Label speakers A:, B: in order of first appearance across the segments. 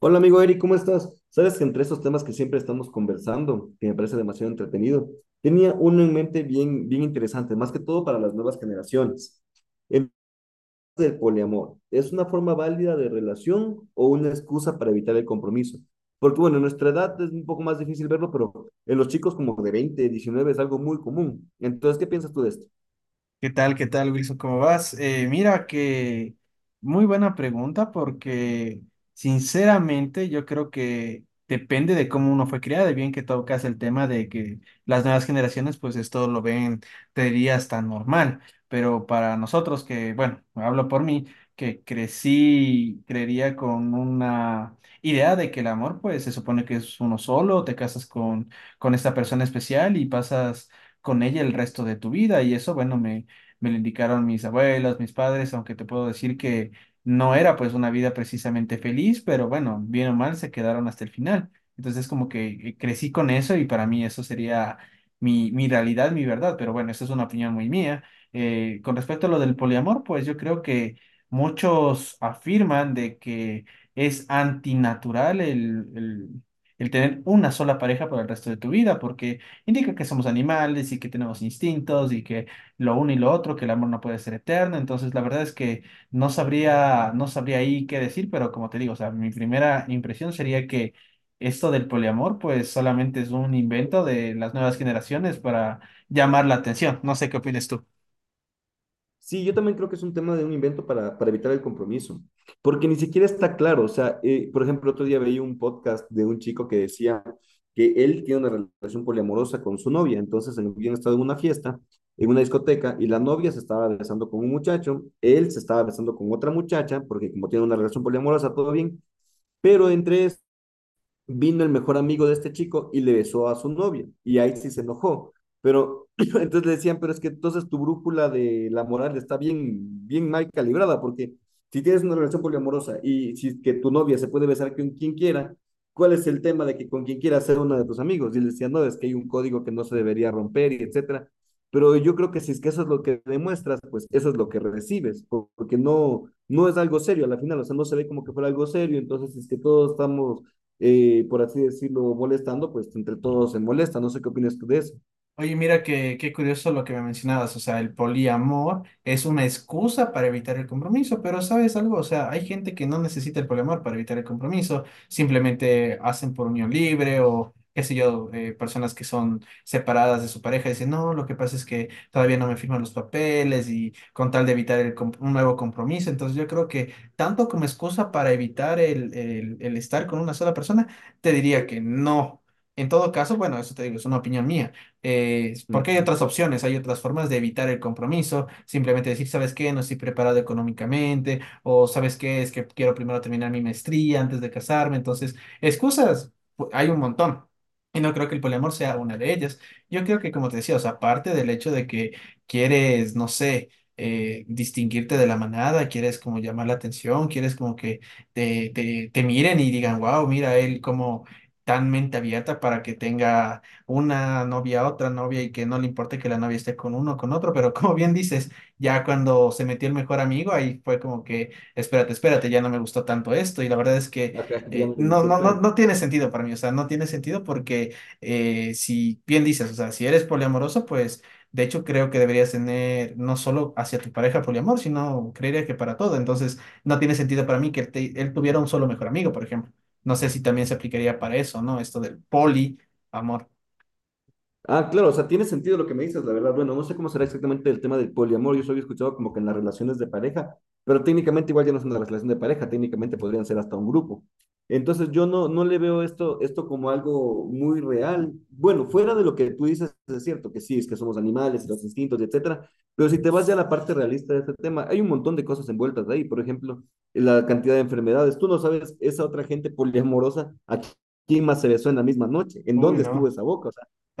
A: Hola amigo Eric, ¿cómo estás? Sabes que entre esos temas que siempre estamos conversando, que me parece demasiado entretenido, tenía uno en mente bien, bien interesante, más que todo para las nuevas generaciones. El del poliamor, ¿es una forma válida de relación o una excusa para evitar el compromiso? Porque bueno, en nuestra edad es un poco más difícil verlo, pero en los chicos como de 20, 19 es algo muy común. Entonces, ¿qué piensas tú de esto?
B: ¿Qué tal? ¿Qué tal, Wilson? ¿Cómo vas? Mira que muy buena pregunta porque sinceramente yo creo que depende de cómo uno fue criado y bien que tocas el tema de que las nuevas generaciones pues esto lo ven, te dirías, tan normal, pero para nosotros que, bueno, hablo por mí, que crecí, creería con una idea de que el amor pues se supone que es uno solo, te casas con esta persona especial y pasas con ella el resto de tu vida y eso, bueno, me lo indicaron mis abuelos, mis padres, aunque te puedo decir que no era pues una vida precisamente feliz, pero bueno, bien o mal se quedaron hasta el final. Entonces como que crecí con eso y para mí eso sería mi realidad, mi verdad, pero bueno, esa es una opinión muy mía. Con respecto a lo del poliamor, pues yo creo que muchos afirman de que es antinatural el, el tener una sola pareja para el resto de tu vida, porque indica que somos animales y que tenemos instintos y que lo uno y lo otro, que el amor no puede ser eterno. Entonces, la verdad es que no sabría ahí qué decir, pero como te digo, o sea, mi primera impresión sería que esto del poliamor, pues solamente es un invento de las nuevas generaciones para llamar la atención. No sé qué opinas tú.
A: Sí, yo también creo que es un tema de un invento para evitar el compromiso, porque ni siquiera está claro. O sea, por ejemplo, otro día veía un podcast de un chico que decía que él tiene una relación poliamorosa con su novia. Entonces, habían estado en una fiesta, en una discoteca, y la novia se estaba besando con un muchacho, él se estaba besando con otra muchacha, porque como tiene una relación poliamorosa, todo bien, pero entre vino el mejor amigo de este chico y le besó a su novia, y ahí sí se enojó. Pero entonces le decían, pero es que entonces tu brújula de la moral está bien, bien mal calibrada, porque si tienes una relación poliamorosa y si que tu novia se puede besar con quien quiera, ¿cuál es el tema de que con quien quiera ser uno de tus amigos? Y le decían, no, es que hay un código que no se debería romper y etcétera. Pero yo creo que si es que eso es lo que demuestras, pues eso es lo que recibes, porque no, no es algo serio a la final, o sea, no se ve como que fuera algo serio, entonces si es que todos estamos por así decirlo, molestando, pues entre todos se molesta. No sé qué opinas tú de eso.
B: Oye, qué curioso lo que me mencionabas, o sea, el poliamor es una excusa para evitar el compromiso, pero ¿sabes algo? O sea, hay gente que no necesita el poliamor para evitar el compromiso, simplemente hacen por unión libre o qué sé yo, personas que son separadas de su pareja y dicen, no, lo que pasa es que todavía no me firman los papeles y con tal de evitar un nuevo compromiso, entonces yo creo que tanto como excusa para evitar el estar con una sola persona, te diría que no. En todo caso, bueno, eso te digo, es una opinión mía porque hay
A: Ujú.
B: otras opciones, hay otras formas de evitar el compromiso, simplemente decir, ¿sabes qué? No estoy preparado económicamente, o ¿sabes qué? Es que quiero primero terminar mi maestría antes de casarme, entonces, excusas, hay un montón. Y no creo que el poliamor sea una de ellas. Yo creo que, como te decía, o sea, aparte del hecho de que quieres, no sé, distinguirte de la manada, quieres como llamar la atención, quieres como que te miren y digan, wow, mira él como tan mente abierta para que tenga una novia a otra novia y que no le importe que la novia esté con uno o con otro, pero como bien dices, ya cuando se metió el mejor amigo, ahí fue como que, espérate, espérate, ya no me gustó tanto esto y la verdad es que
A: Ajá, ya no le gustó, claro.
B: no tiene sentido para mí, o sea, no tiene sentido porque si bien dices, o sea, si eres poliamoroso, pues de hecho, creo que deberías tener no solo hacia tu pareja poliamor, sino creería que para todo. Entonces, no tiene sentido para mí que él tuviera un solo mejor amigo, por ejemplo. No sé si también se aplicaría para eso, ¿no? Esto del poliamor.
A: Ah, claro, o sea, tiene sentido lo que me dices, la verdad. Bueno, no sé cómo será exactamente el tema del poliamor. Yo solo he escuchado como que en las relaciones de pareja, pero técnicamente igual ya no es una relación de pareja, técnicamente podrían ser hasta un grupo. Entonces yo no, no le veo esto como algo muy real. Bueno, fuera de lo que tú dices, es cierto que sí, es que somos animales, los instintos, etcétera, pero si te vas ya a la parte realista de este tema, hay un montón de cosas envueltas ahí. Por ejemplo, la cantidad de enfermedades. Tú no sabes esa otra gente poliamorosa a quién más se besó en la misma noche, en
B: Uy,
A: dónde estuvo
B: no.
A: esa boca.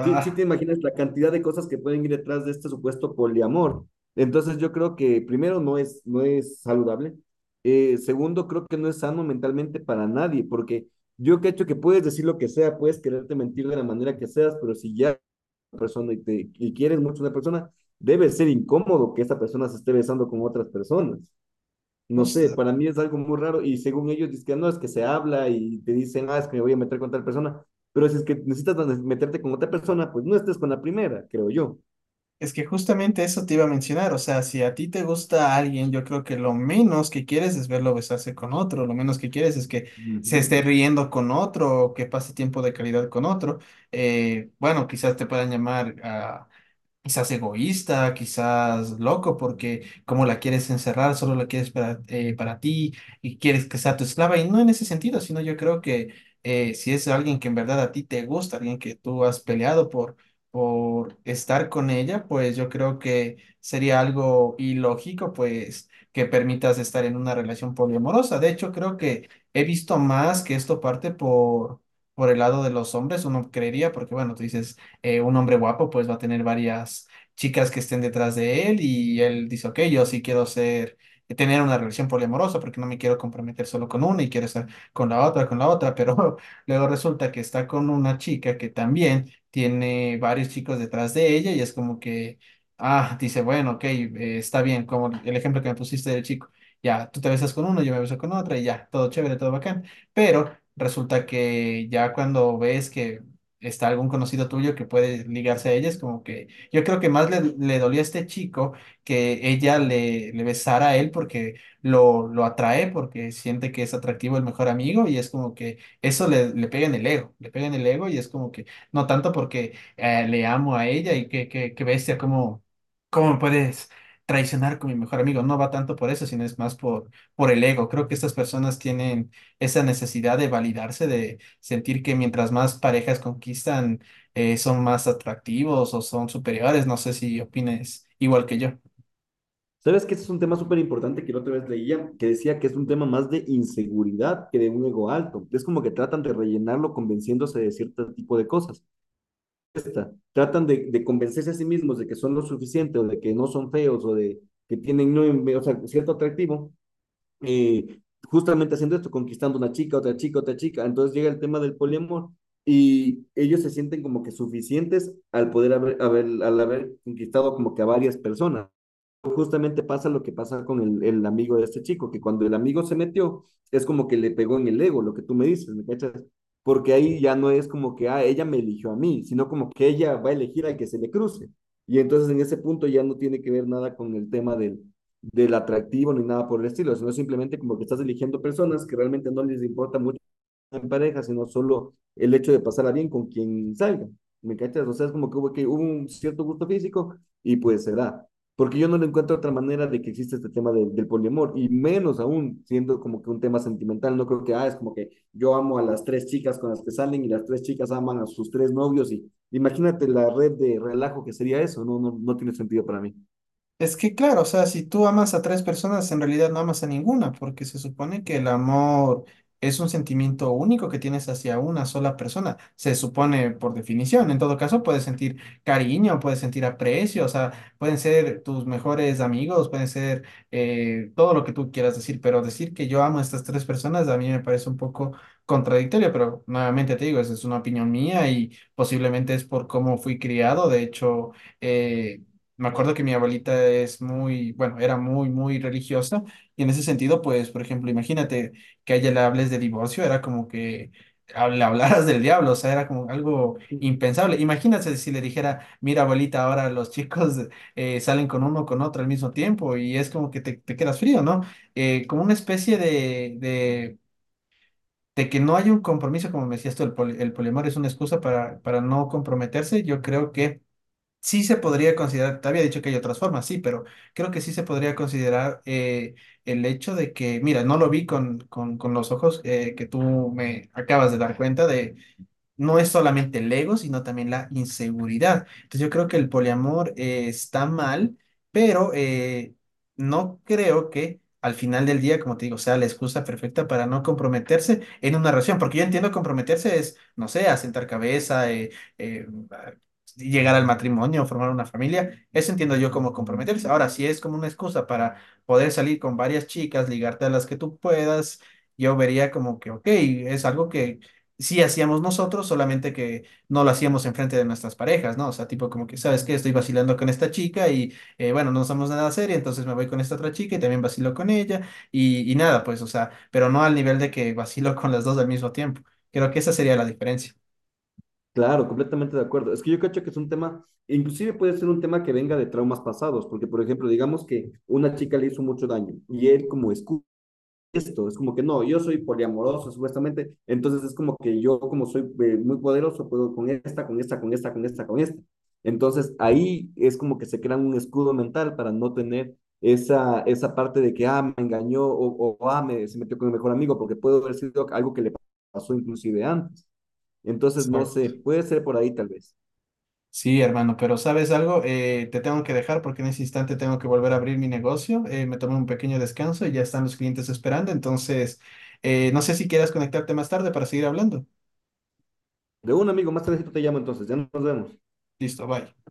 A: Sí, sí te imaginas la cantidad de cosas que pueden ir detrás de este supuesto poliamor. Entonces yo creo que primero no es saludable. Segundo, creo que no es sano mentalmente para nadie, porque yo que hecho que puedes decir lo que sea, puedes quererte mentir de la manera que seas, pero si ya eres una persona y quieres mucho a una persona, debe ser incómodo que esta persona se esté besando con otras personas. No sé,
B: justo-
A: para mí es algo muy raro y según ellos dicen, no, es que se habla y te dicen, ah, es que me voy a meter con tal persona, pero si es que necesitas meterte con otra persona, pues no estés con la primera, creo yo.
B: es que justamente eso te iba a mencionar. O sea, si a ti te gusta alguien, yo creo que lo menos que quieres es verlo besarse con otro. Lo menos que quieres es que se
A: Ujú.
B: esté riendo con otro o que pase tiempo de calidad con otro. Bueno, quizás te puedan llamar a quizás egoísta, quizás loco, porque como la quieres encerrar, solo la quieres para ti y quieres que sea tu esclava. Y no en ese sentido, sino yo creo que si es alguien que en verdad a ti te gusta, alguien que tú has peleado por estar con ella, pues yo creo que sería algo ilógico, pues que permitas estar en una relación poliamorosa. De hecho, creo que he visto más que esto parte por el lado de los hombres, uno creería, porque bueno, tú dices, un hombre guapo pues va a tener varias chicas que estén detrás de él y él dice, ok, yo sí tener una relación poliamorosa porque no me quiero comprometer solo con una y quiero estar con la otra, pero luego resulta que está con una chica que también tiene varios chicos detrás de ella y es como que, ah, dice, bueno, ok, está bien, como el ejemplo que me pusiste del chico. Ya, tú te besas con uno, yo me beso con otra y ya, todo chévere, todo bacán. Pero resulta que ya cuando ves que está algún conocido tuyo que puede ligarse a ella, es como que yo creo que más le dolió a este chico que ella le besara a él porque lo atrae, porque siente que es atractivo el mejor amigo y es como que eso le pega en el ego, le pega en el ego y es como que no tanto porque le amo a ella y que bestia, ¿cómo me puedes traicionar con mi mejor amigo? No va tanto por eso, sino es más por el ego. Creo que estas personas tienen esa necesidad de validarse, de sentir que mientras más parejas conquistan, son más atractivos o son superiores. No sé si opines igual que yo.
A: ¿Sabes que ese es un tema súper importante que la otra vez leía, que decía que es un tema más de inseguridad que de un ego alto? Es como que tratan de rellenarlo convenciéndose de cierto tipo de cosas. Tratan de convencerse a sí mismos de que son lo suficiente o de que no son feos o de que tienen no, o sea, cierto atractivo, eh, justamente haciendo esto, conquistando una chica, otra chica, otra chica. Entonces llega el tema del poliamor y ellos se sienten como que suficientes al poder haber, al haber conquistado como que a varias personas. Justamente pasa lo que pasa con el amigo de este chico, que cuando el amigo se metió, es como que le pegó en el ego, lo que tú me dices, ¿me cachas? Porque ahí ya no es como que, ah, ella me eligió a mí, sino como que ella va a elegir al que se le cruce. Y entonces en ese punto ya no tiene que ver nada con el tema del atractivo ni nada por el estilo, sino simplemente como que estás eligiendo personas que realmente no les importa mucho en pareja, sino solo el hecho de pasarla bien con quien salga. ¿Me cachas? O sea, es como que hubo un cierto gusto físico y pues se da. Porque yo no le encuentro otra manera de que exista este tema del poliamor, y menos aún siendo como que un tema sentimental. No creo que, ah, es como que yo amo a las tres chicas con las que salen y las tres chicas aman a sus tres novios. Y imagínate la red de relajo que sería eso, no, no, no tiene sentido para mí.
B: Es que claro, o sea, si tú amas a tres personas, en realidad no amas a ninguna, porque se supone que el amor es un sentimiento único que tienes hacia una sola persona. Se supone por definición. En todo caso, puedes sentir cariño, puedes sentir aprecio, o sea, pueden ser tus mejores amigos, pueden ser todo lo que tú quieras decir, pero decir que yo amo a estas tres personas a mí me parece un poco contradictorio, pero nuevamente te digo, esa es una opinión mía y posiblemente es por cómo fui criado. De hecho, eh, me acuerdo que mi abuelita es muy, bueno, era muy, muy religiosa y en ese sentido, pues, por ejemplo, imagínate que a ella le hables de divorcio, era como que le hablaras del diablo, o sea, era como algo impensable. Imagínate si le dijera, mira, abuelita, ahora los chicos salen con uno, con otro al mismo tiempo y es como que te quedas frío, ¿no? Como una especie de que no hay un compromiso, como me decías tú, el poliamor es una excusa para no comprometerse. Yo creo que sí se podría considerar, te había dicho que hay otras formas, sí, pero creo que sí se podría considerar el hecho de que, mira, no lo vi con los ojos que tú me acabas de dar cuenta de, no es solamente el ego, sino también la inseguridad. Entonces yo creo que el poliamor está mal, pero no creo que al final del día, como te digo, sea la excusa perfecta para no comprometerse en una relación, porque yo entiendo comprometerse es, no sé, asentar cabeza, eh, a- llegar al matrimonio, formar una familia, eso entiendo yo como comprometerse. Ahora, si es como una excusa para poder salir con varias chicas, ligarte a las que tú puedas. Yo vería como que, ok, es algo que sí hacíamos nosotros, solamente que no lo hacíamos enfrente de nuestras parejas, ¿no? O sea, tipo como que, ¿sabes qué? Estoy vacilando con esta chica y bueno, no somos nada serio, entonces me voy con esta otra chica y también vacilo con ella y nada, pues, o sea, pero no al nivel de que vacilo con las dos al mismo tiempo. Creo que esa sería la diferencia.
A: Claro, completamente de acuerdo. Es que yo cacho que es un tema, inclusive puede ser un tema que venga de traumas pasados, porque por ejemplo, digamos que una chica le hizo mucho daño y él como escucha esto, es como que no, yo soy poliamoroso supuestamente, entonces es como que yo como soy muy poderoso, puedo con esta, con esta, con esta, con esta, con esta. Entonces ahí es como que se crea un escudo mental para no tener esa parte de que, ah, me engañó o ah, se metió con el mejor amigo, porque puede haber sido algo que le pasó inclusive antes. Entonces, no sé,
B: Exacto.
A: puede ser por ahí tal vez.
B: Sí, hermano, pero ¿sabes algo? Te tengo que dejar porque en ese instante tengo que volver a abrir mi negocio. Me tomé un pequeño descanso y ya están los clientes esperando. Entonces, no sé si quieras conectarte más tarde para seguir hablando.
A: De un amigo, más tardecito te llamo entonces, ya nos vemos.
B: Listo, bye.